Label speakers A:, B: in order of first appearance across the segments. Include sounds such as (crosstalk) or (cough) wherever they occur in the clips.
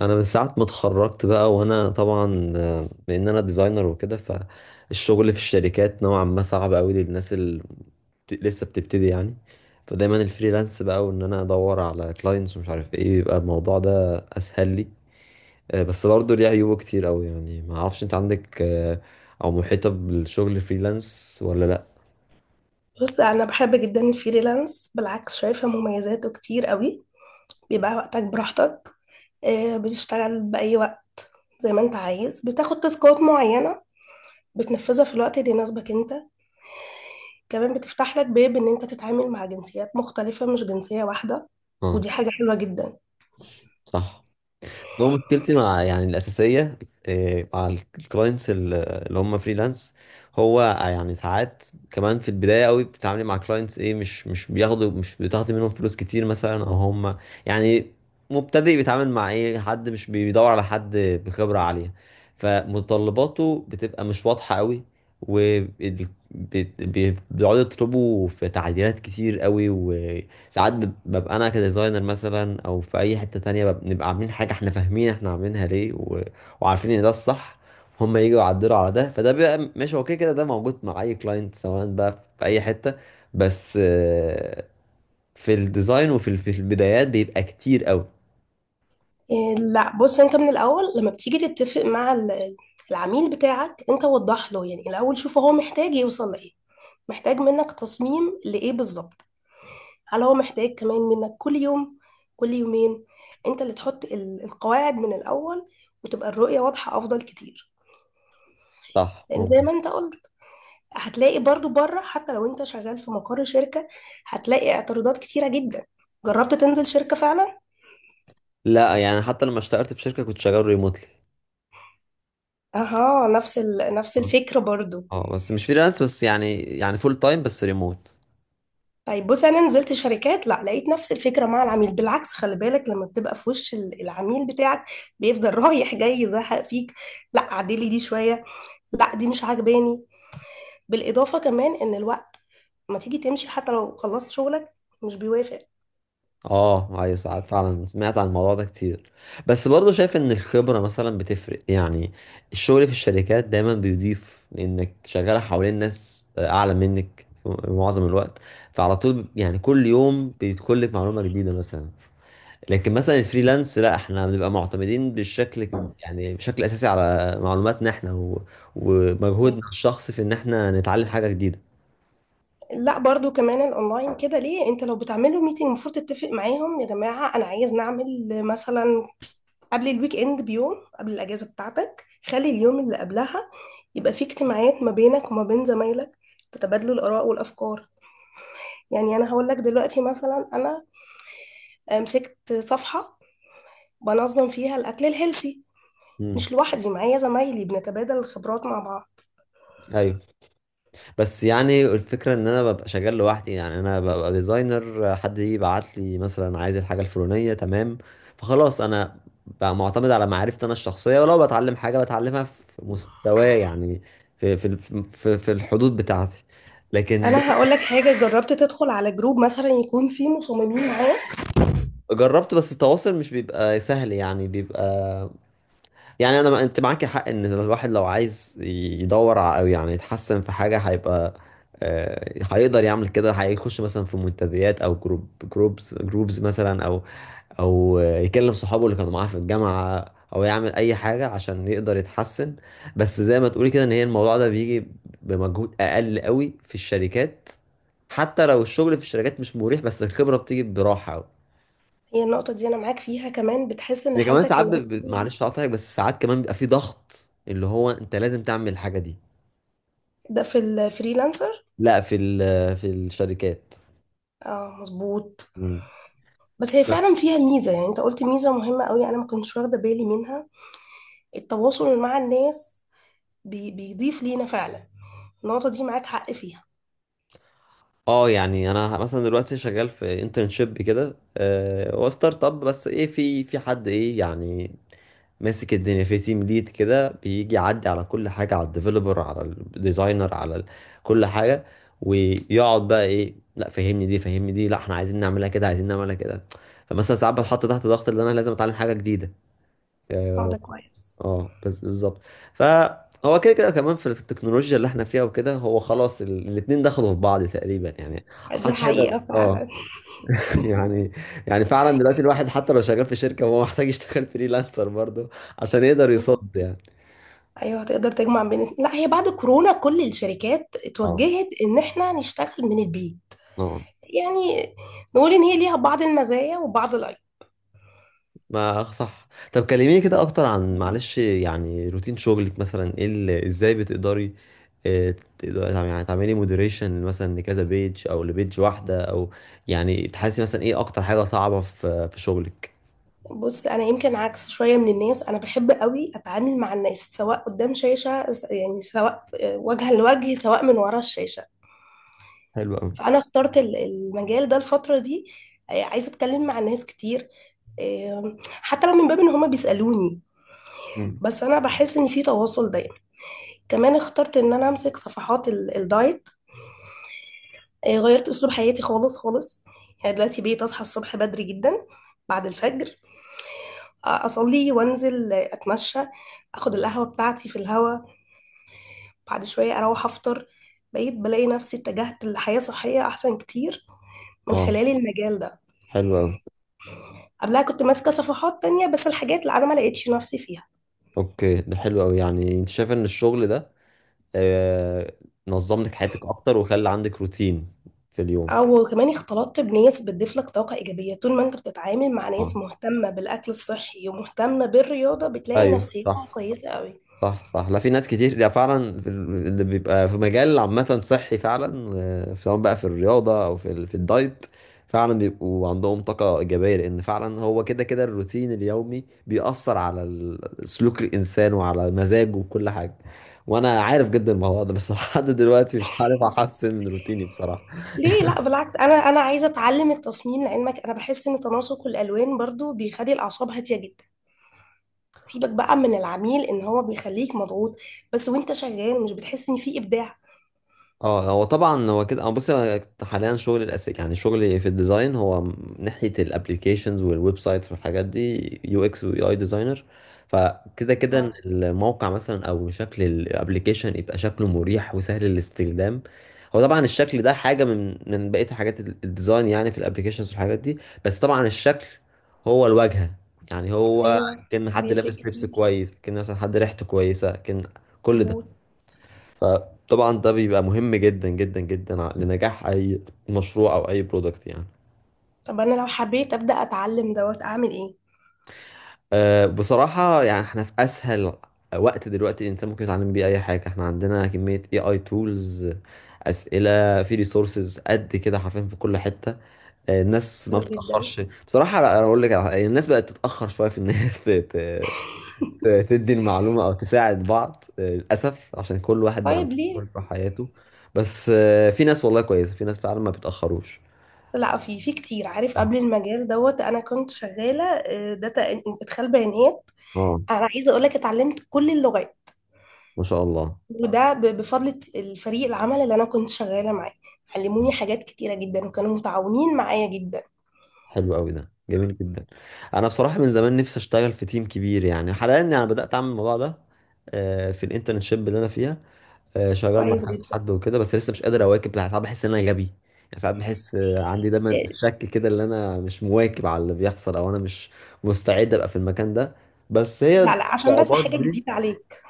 A: انا من ساعه ما اتخرجت بقى وانا طبعا لان انا ديزاينر وكده فالشغل في الشركات نوعا ما صعب قوي للناس اللي لسه بتبتدي يعني. فدايما الفريلانس بقى وان انا ادور على كلاينتس ومش عارف ايه، بيبقى الموضوع ده اسهل لي. بس برضه ليه عيوبه كتير قوي، يعني ما اعرفش انت عندك او محيطه بالشغل فريلانس ولا لا؟
B: بص، انا بحب جدا الفريلانس، بالعكس شايفه مميزاته كتير قوي. بيبقى وقتك براحتك. بتشتغل باي وقت زي ما انت عايز. بتاخد تاسكات معينه بتنفذها في الوقت اللي يناسبك انت. كمان بتفتح لك باب ان انت تتعامل مع جنسيات مختلفه، مش جنسيه واحده. ودي
A: اه،
B: حاجه حلوه جدا.
A: صح. هو مشكلتي مع يعني الأساسية مع الكلاينتس اللي هم فريلانس، هو يعني ساعات كمان في البداية قوي بتتعاملي مع كلاينتس ايه، مش بياخدوا مش بتاخدي منهم فلوس كتير مثلا، او هم يعني مبتدئ بيتعامل مع ايه، حد مش بيدور على حد بخبرة عالية. فمتطلباته بتبقى مش واضحة قوي وبيقعدوا يطلبوا في تعديلات كتير قوي. ساعات ببقى انا كديزاينر مثلا، او في اي حتة تانية بنبقى عاملين حاجة احنا فاهمين احنا عاملينها ليه، وعارفين ان ده الصح. هم يجوا يعدلوا على ده، فده بيبقى ماشي. هو كده كده ده موجود مع اي كلاينت سواء بقى في اي حتة، بس في الديزاين وفي في البدايات بيبقى كتير قوي.
B: لا، بص، انت من الاول لما بتيجي تتفق مع العميل بتاعك، انت وضح له. يعني الاول شوف هو محتاج يوصل لايه، محتاج منك تصميم لايه بالظبط. هل هو محتاج كمان منك كل يوم، كل يومين؟ انت اللي تحط القواعد من الاول، وتبقى الرؤية واضحة، افضل كتير.
A: صح،
B: لان زي
A: ممكن.
B: ما انت قلت، هتلاقي برضو بره حتى لو انت شغال في مقر شركة، هتلاقي اعتراضات كتيرة جدا. جربت تنزل شركة فعلا؟
A: لا، يعني حتى لما اشتغلت في شركة كنت شغال ريموتلي.
B: اها، نفس الفكرة برضو.
A: اه، بس مش فريلانس، بس يعني فول تايم بس ريموت.
B: طيب، بص، انا نزلت شركات، لا لقيت نفس الفكرة مع العميل، بالعكس، خلي بالك لما بتبقى في وش العميل بتاعك، بيفضل (laughs) رايح جاي يزهق فيك. لا عدلي دي شوية، لا دي مش عاجباني. بالاضافه كمان ان الوقت، ما تيجي تمشي حتى لو خلصت شغلك، مش بيوافق.
A: اه ايوه، ساعات فعلا سمعت عن الموضوع ده كتير، بس برضه شايف ان الخبرة مثلا بتفرق يعني. الشغل في الشركات دايما بيضيف لانك شغال حوالين ناس اعلى منك في معظم الوقت، فعلى طول يعني كل يوم بيدخل لك معلومة جديدة مثلا. لكن مثلا الفريلانس لا، احنا بنبقى معتمدين بالشكل، يعني بشكل اساسي على معلوماتنا احنا ومجهودنا الشخصي في ان احنا نتعلم حاجة جديدة.
B: لا برضو كمان الاونلاين كده، ليه؟ انت لو بتعملوا ميتنج المفروض تتفق معاهم، يا جماعه انا عايز نعمل مثلا قبل الويك اند بيوم، قبل الاجازه بتاعتك خلي اليوم اللي قبلها يبقى فيه اجتماعات ما بينك وما بين زمايلك، تتبادلوا الاراء والافكار. يعني انا هقول لك دلوقتي مثلا، انا مسكت صفحه بنظم فيها الاكل الهيلثي،
A: امم.
B: مش لوحدي، معايا زمايلي بنتبادل الخبرات مع بعض.
A: ايوه، بس يعني الفكرة ان انا ببقى شغال لوحدي، يعني انا ببقى ديزاينر، حد يبعت لي مثلا عايز الحاجة الفلانية، تمام، فخلاص انا بقى معتمد على معرفتي انا الشخصية، ولو بتعلم حاجة بتعلمها في مستواي يعني، في في الحدود بتاعتي. لكن
B: انا هقول لك حاجه، جربت تدخل على جروب مثلا يكون فيه مصممين معاه؟
A: جربت، بس التواصل مش بيبقى سهل يعني، بيبقى يعني. انا ما انت معاكي حق ان الواحد لو عايز او يعني يتحسن في حاجه، هيبقى هيقدر يعمل كده. هيخش مثلا في منتديات او جروب جروبز مثلا، او يكلم صحابه اللي كانوا معاه في الجامعه، او يعمل اي حاجه عشان يقدر يتحسن. بس زي ما تقولي كده ان هي الموضوع ده بيجي بمجهود اقل قوي في الشركات، حتى لو الشغل في الشركات مش مريح، بس الخبره بتيجي براحه قوي.
B: هي النقطه دي انا معاك فيها، كمان بتحس ان
A: ده كمان
B: حالتك
A: ساعات
B: النفسيه.
A: معلش هقطعك، بس ساعات كمان بيبقى في ضغط، اللي هو انت لازم تعمل الحاجه دي.
B: ده في الفريلانسر.
A: لا، في الشركات.
B: اه مظبوط.
A: مم.
B: بس هي فعلا فيها ميزه، يعني انت قلت ميزه مهمه قوي انا ما كنتش واخده بالي منها: التواصل مع الناس. بي بيضيف لينا فعلا. النقطه دي معاك حق فيها.
A: اه، يعني انا مثلا دلوقتي شغال في انترنشيب كده، هو ستارت اب، بس ايه، في حد ايه يعني ماسك الدنيا، في تيم ليد كده بيجي يعدي على كل حاجة، على الديفلوبر، على الديزاينر، على كل حاجة، ويقعد بقى ايه، لا فهمني دي، لا احنا عايزين نعملها كده، عايزين نعملها كده. فمثلا ساعات بتحط تحت ضغط ان انا لازم اتعلم حاجة جديدة.
B: اه
A: اه.
B: ده كويس.
A: بس بالظبط. فهو كده كده كمان في التكنولوجيا اللي احنا فيها وكده، هو خلاص الاتنين دخلوا في بعض تقريبا يعني،
B: دي
A: محدش صح هيقدر،
B: حقيقه فعلا.
A: اه (laughs) يعني. يعني فعلا دلوقتي الواحد حتى لو شغال في شركة هو محتاج يشتغل (laughs) فريلانسر برضه عشان يقدر يصد يعني.
B: ايوه، هتقدر تجمع بين، لا هي بعد كورونا كل الشركات
A: اه،
B: اتوجهت ان احنا نشتغل من البيت.
A: اه.
B: يعني نقول ان هي ليها بعض المزايا وبعض العيوب.
A: ما صح، طب كلميني كده اكتر عن، معلش يعني، روتين شغلك مثلا، ايه اللي ازاي بتقدري آه، تقدري يعني تعملي مودريشن مثلا لكذا بيج، او لبيج واحده، او يعني تحسي مثلا ايه اكتر حاجه صعبه في شغلك.
B: بص، انا يمكن عكس شويه من الناس، انا بحب قوي اتعامل مع الناس، سواء قدام شاشه يعني سواء وجها لوجه، سواء من ورا الشاشه.
A: حلو قوي.
B: فانا اخترت المجال ده الفتره دي. عايزه اتكلم مع الناس كتير. حتى لو من باب ان هما بيسالوني،
A: مم.
B: بس انا بحس ان في تواصل دايما. كمان اخترت ان انا امسك صفحات الدايت. غيرت اسلوب حياتي خالص خالص. يعني دلوقتي بقيت اصحى الصبح بدري جدا، بعد الفجر اصلي وانزل اتمشى، اخد القهوه بتاعتي في الهوا، بعد شويه اروح افطر. بقيت بلاقي نفسي اتجهت لحياه صحيه احسن كتير من
A: اه،
B: خلال المجال ده.
A: حلو قوي.
B: قبلها كنت ماسكه صفحات تانية بس الحاجات اللي انا ما لقيتش نفسي فيها.
A: اوكي، ده حلو قوي يعني. انت شايف ان الشغل ده آه، نظم لك حياتك اكتر وخلى عندك روتين في اليوم.
B: او كمان اختلطت بناس بتضيف لك طاقه ايجابيه، طول ما انت بتتعامل مع ناس
A: اه،
B: مهتمه بالاكل الصحي ومهتمه بالرياضه بتلاقي
A: ايوه
B: نفسيتها
A: صح.
B: كويسه قوي.
A: صح صح. لا، في ناس كتير ده فعلا، في اللي بيبقى في مجال عامة صحي، فعلا سواء بقى في الرياضة أو في في الدايت، فعلا بيبقوا عندهم طاقة إيجابية، لأن فعلا هو كده كده الروتين اليومي بيأثر على سلوك الإنسان وعلى مزاجه وكل حاجة. وأنا عارف جدا الموضوع ده، بس (laughs) لحد دلوقتي مش عارف أحسن من روتيني بصراحة.
B: ليه لا؟ بالعكس، انا عايزه اتعلم التصميم لعلمك، انا بحس ان تناسق الالوان برضو بيخلي الاعصاب هاديه جدا. سيبك بقى من العميل ان هو بيخليك مضغوط، بس وانت شغال مش بتحس ان في ابداع؟
A: اه، هو طبعا هو كده. أنا بص، أنا حاليا شغل الاساسي، يعني شغلي في الديزاين هو ناحيه الابليكيشنز والويب سايتس والحاجات دي، يو اكس ويو اي ديزاينر. فكده كده إن
B: آه،
A: الموقع مثلا او شكل الابليكيشن يبقى شكله مريح وسهل الاستخدام. هو طبعا الشكل ده حاجه من بقيه حاجات الديزاين يعني في الابليكيشنز والحاجات دي، بس طبعا الشكل هو الواجهه يعني. هو
B: ايوه
A: كان حد
B: بيفرق
A: لابس لبس
B: كتير.
A: كويس، كان مثلا حد ريحته كويسه، كان كل ده،
B: مظبوط.
A: فطبعا ده بيبقى مهم جدا جدا جدا لنجاح اي مشروع او اي برودكت يعني.
B: طب انا لو حبيت ابدا اتعلم دوت، اعمل ايه؟
A: أه، بصراحة يعني احنا في اسهل وقت دلوقتي الانسان ممكن يتعلم بيه اي حاجة. احنا عندنا كمية، اي تولز، اسئلة، في ريسورسز قد كده حرفيا في كل حتة. أه، الناس ما
B: حلو جدا.
A: بتتأخرش بصراحة. لا، انا اقول لك على حاجة، الناس بقت تتأخر شوية في ان هي (laughs) ت- تدي المعلومة او تساعد بعض، أه للاسف عشان كل واحد بقى
B: طيب ليه؟
A: مسؤول في حياته. بس أه في ناس والله كويسة، في ناس فعلا ما بيتأخروش.
B: لا، في كتير عارف. قبل المجال دوت انا كنت شغاله داتا، ادخال بيانات.
A: اه،
B: انا عايزه اقول لك، اتعلمت كل اللغات.
A: ما شاء الله.
B: وده بفضل الفريق العمل اللي انا كنت شغاله معاه، علموني حاجات كتيره جدا وكانوا متعاونين معايا جدا.
A: حلو قوي، ده جميل جدا. انا بصراحه من زمان نفسي اشتغل في تيم كبير يعني. حاليا انا بدات اعمل الموضوع ده في الانترنشيب اللي انا فيها، شغال مع
B: كويس
A: كذا
B: جدا.
A: حد وكده، بس لسه مش قادر اواكب. ساعات بحس ان انا غبي يعني. ساعات بحس عندي دايما
B: آه،
A: شك كده ان انا مش مواكب على اللي بيحصل، او انا مش مستعد ابقى في المكان ده، بس هي
B: لا لا، عشان بس
A: الصعوبات
B: حاجة
A: دي.
B: جديدة عليك.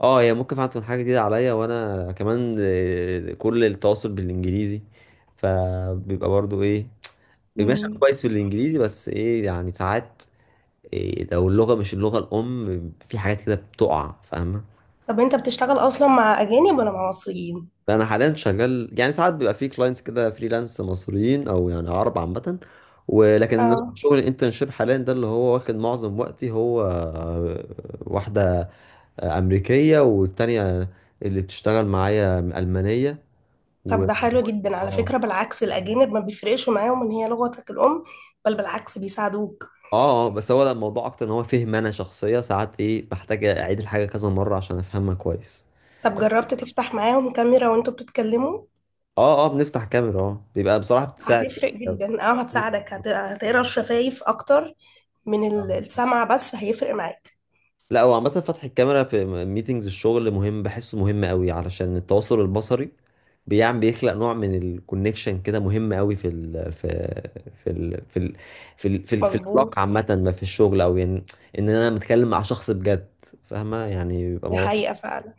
A: اه هي ممكن فعلا تكون حاجه جديده عليا، وانا كمان كل التواصل بالانجليزي، فبيبقى برضو ايه، ماشي. أنا
B: مم.
A: كويس في الانجليزي، بس ايه يعني، ساعات إيه لو اللغه مش اللغه الام، في حاجات كده بتقع، فاهمه.
B: طب انت بتشتغل اصلا مع اجانب ولا مع مصريين؟
A: فانا حاليا شغال، يعني ساعات بيبقى في كلاينتس كده فريلانس مصريين او يعني عرب عامه، ولكن
B: اه.
A: شغل الانترنشيب حاليا ده اللي هو واخد معظم وقتي، هو واحده امريكيه، والتانيه اللي بتشتغل معايا المانيه. و
B: طب
A: اه،
B: ده حلو جدا على فكرة،
A: اه.
B: بالعكس الاجانب ما بيفرقش معاهم ان هي لغتك الام، بل بالعكس بيساعدوك.
A: بس هو لا، الموضوع اكتر ان هو فهم انا، شخصيه ساعات ايه بحتاج اعيد الحاجه كذا مره عشان افهمها كويس.
B: طب جربت تفتح معاهم كاميرا وانتوا بتتكلموا؟
A: اه اه، بنفتح كاميرا، اه بيبقى بصراحة بتساعد
B: هتفرق
A: جامد
B: جدا، اه
A: أوي.
B: هتساعدك، هتقرا الشفايف اكتر من السمع، بس هيفرق معاك.
A: لا هو عامة فتح الكاميرا في ميتينجز الشغل مهم، بحسه مهم قوي علشان التواصل البصري بيعمل، بيخلق نوع من الكونكشن كده مهم قوي في ال في ال في العلاقة
B: مظبوط.
A: عامة، ما في الشغل او يعني ان انا متكلم مع شخص بجد، فاهمة يعني، بيبقى
B: دي
A: موضوع
B: حقيقة فعلا.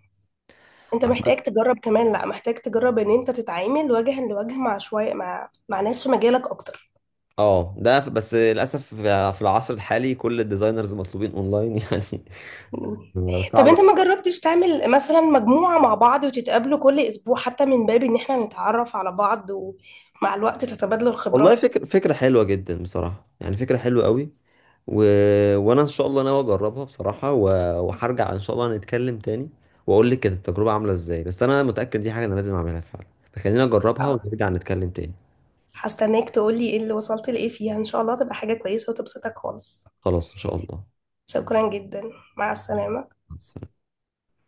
B: انت
A: عامة.
B: محتاج تجرب، كمان لا محتاج تجرب ان انت تتعامل وجها لوجه مع شوية، مع ناس في مجالك اكتر.
A: اه، ده بس للأسف في العصر الحالي كل الديزاينرز مطلوبين اونلاين يعني، (laughs)
B: طب
A: صعب.
B: انت ما جربتش تعمل مثلا مجموعة مع بعض وتتقابلوا كل اسبوع حتى من باب ان احنا نتعرف على بعض، ومع الوقت تتبادلوا
A: والله
B: الخبرات.
A: فكرة، حلوة جدا بصراحة، يعني فكرة حلوة قوي، و... وانا ان شاء الله ناوي اجربها بصراحة، وهرجع ان شاء الله نتكلم تاني واقول لك كانت التجربة عاملة ازاي، بس انا متأكد دي حاجة انا لازم اعملها فعلا، فخلينا نجربها
B: اه،
A: ونرجع نتكلم تاني.
B: هستناك تقولي ايه اللي وصلت لايه فيها، ان شاء الله تبقى حاجة كويسة وتبسطك خالص.
A: خلاص ان شاء الله.
B: شكرا جدا. مع السلامة.
A: مع السلامة.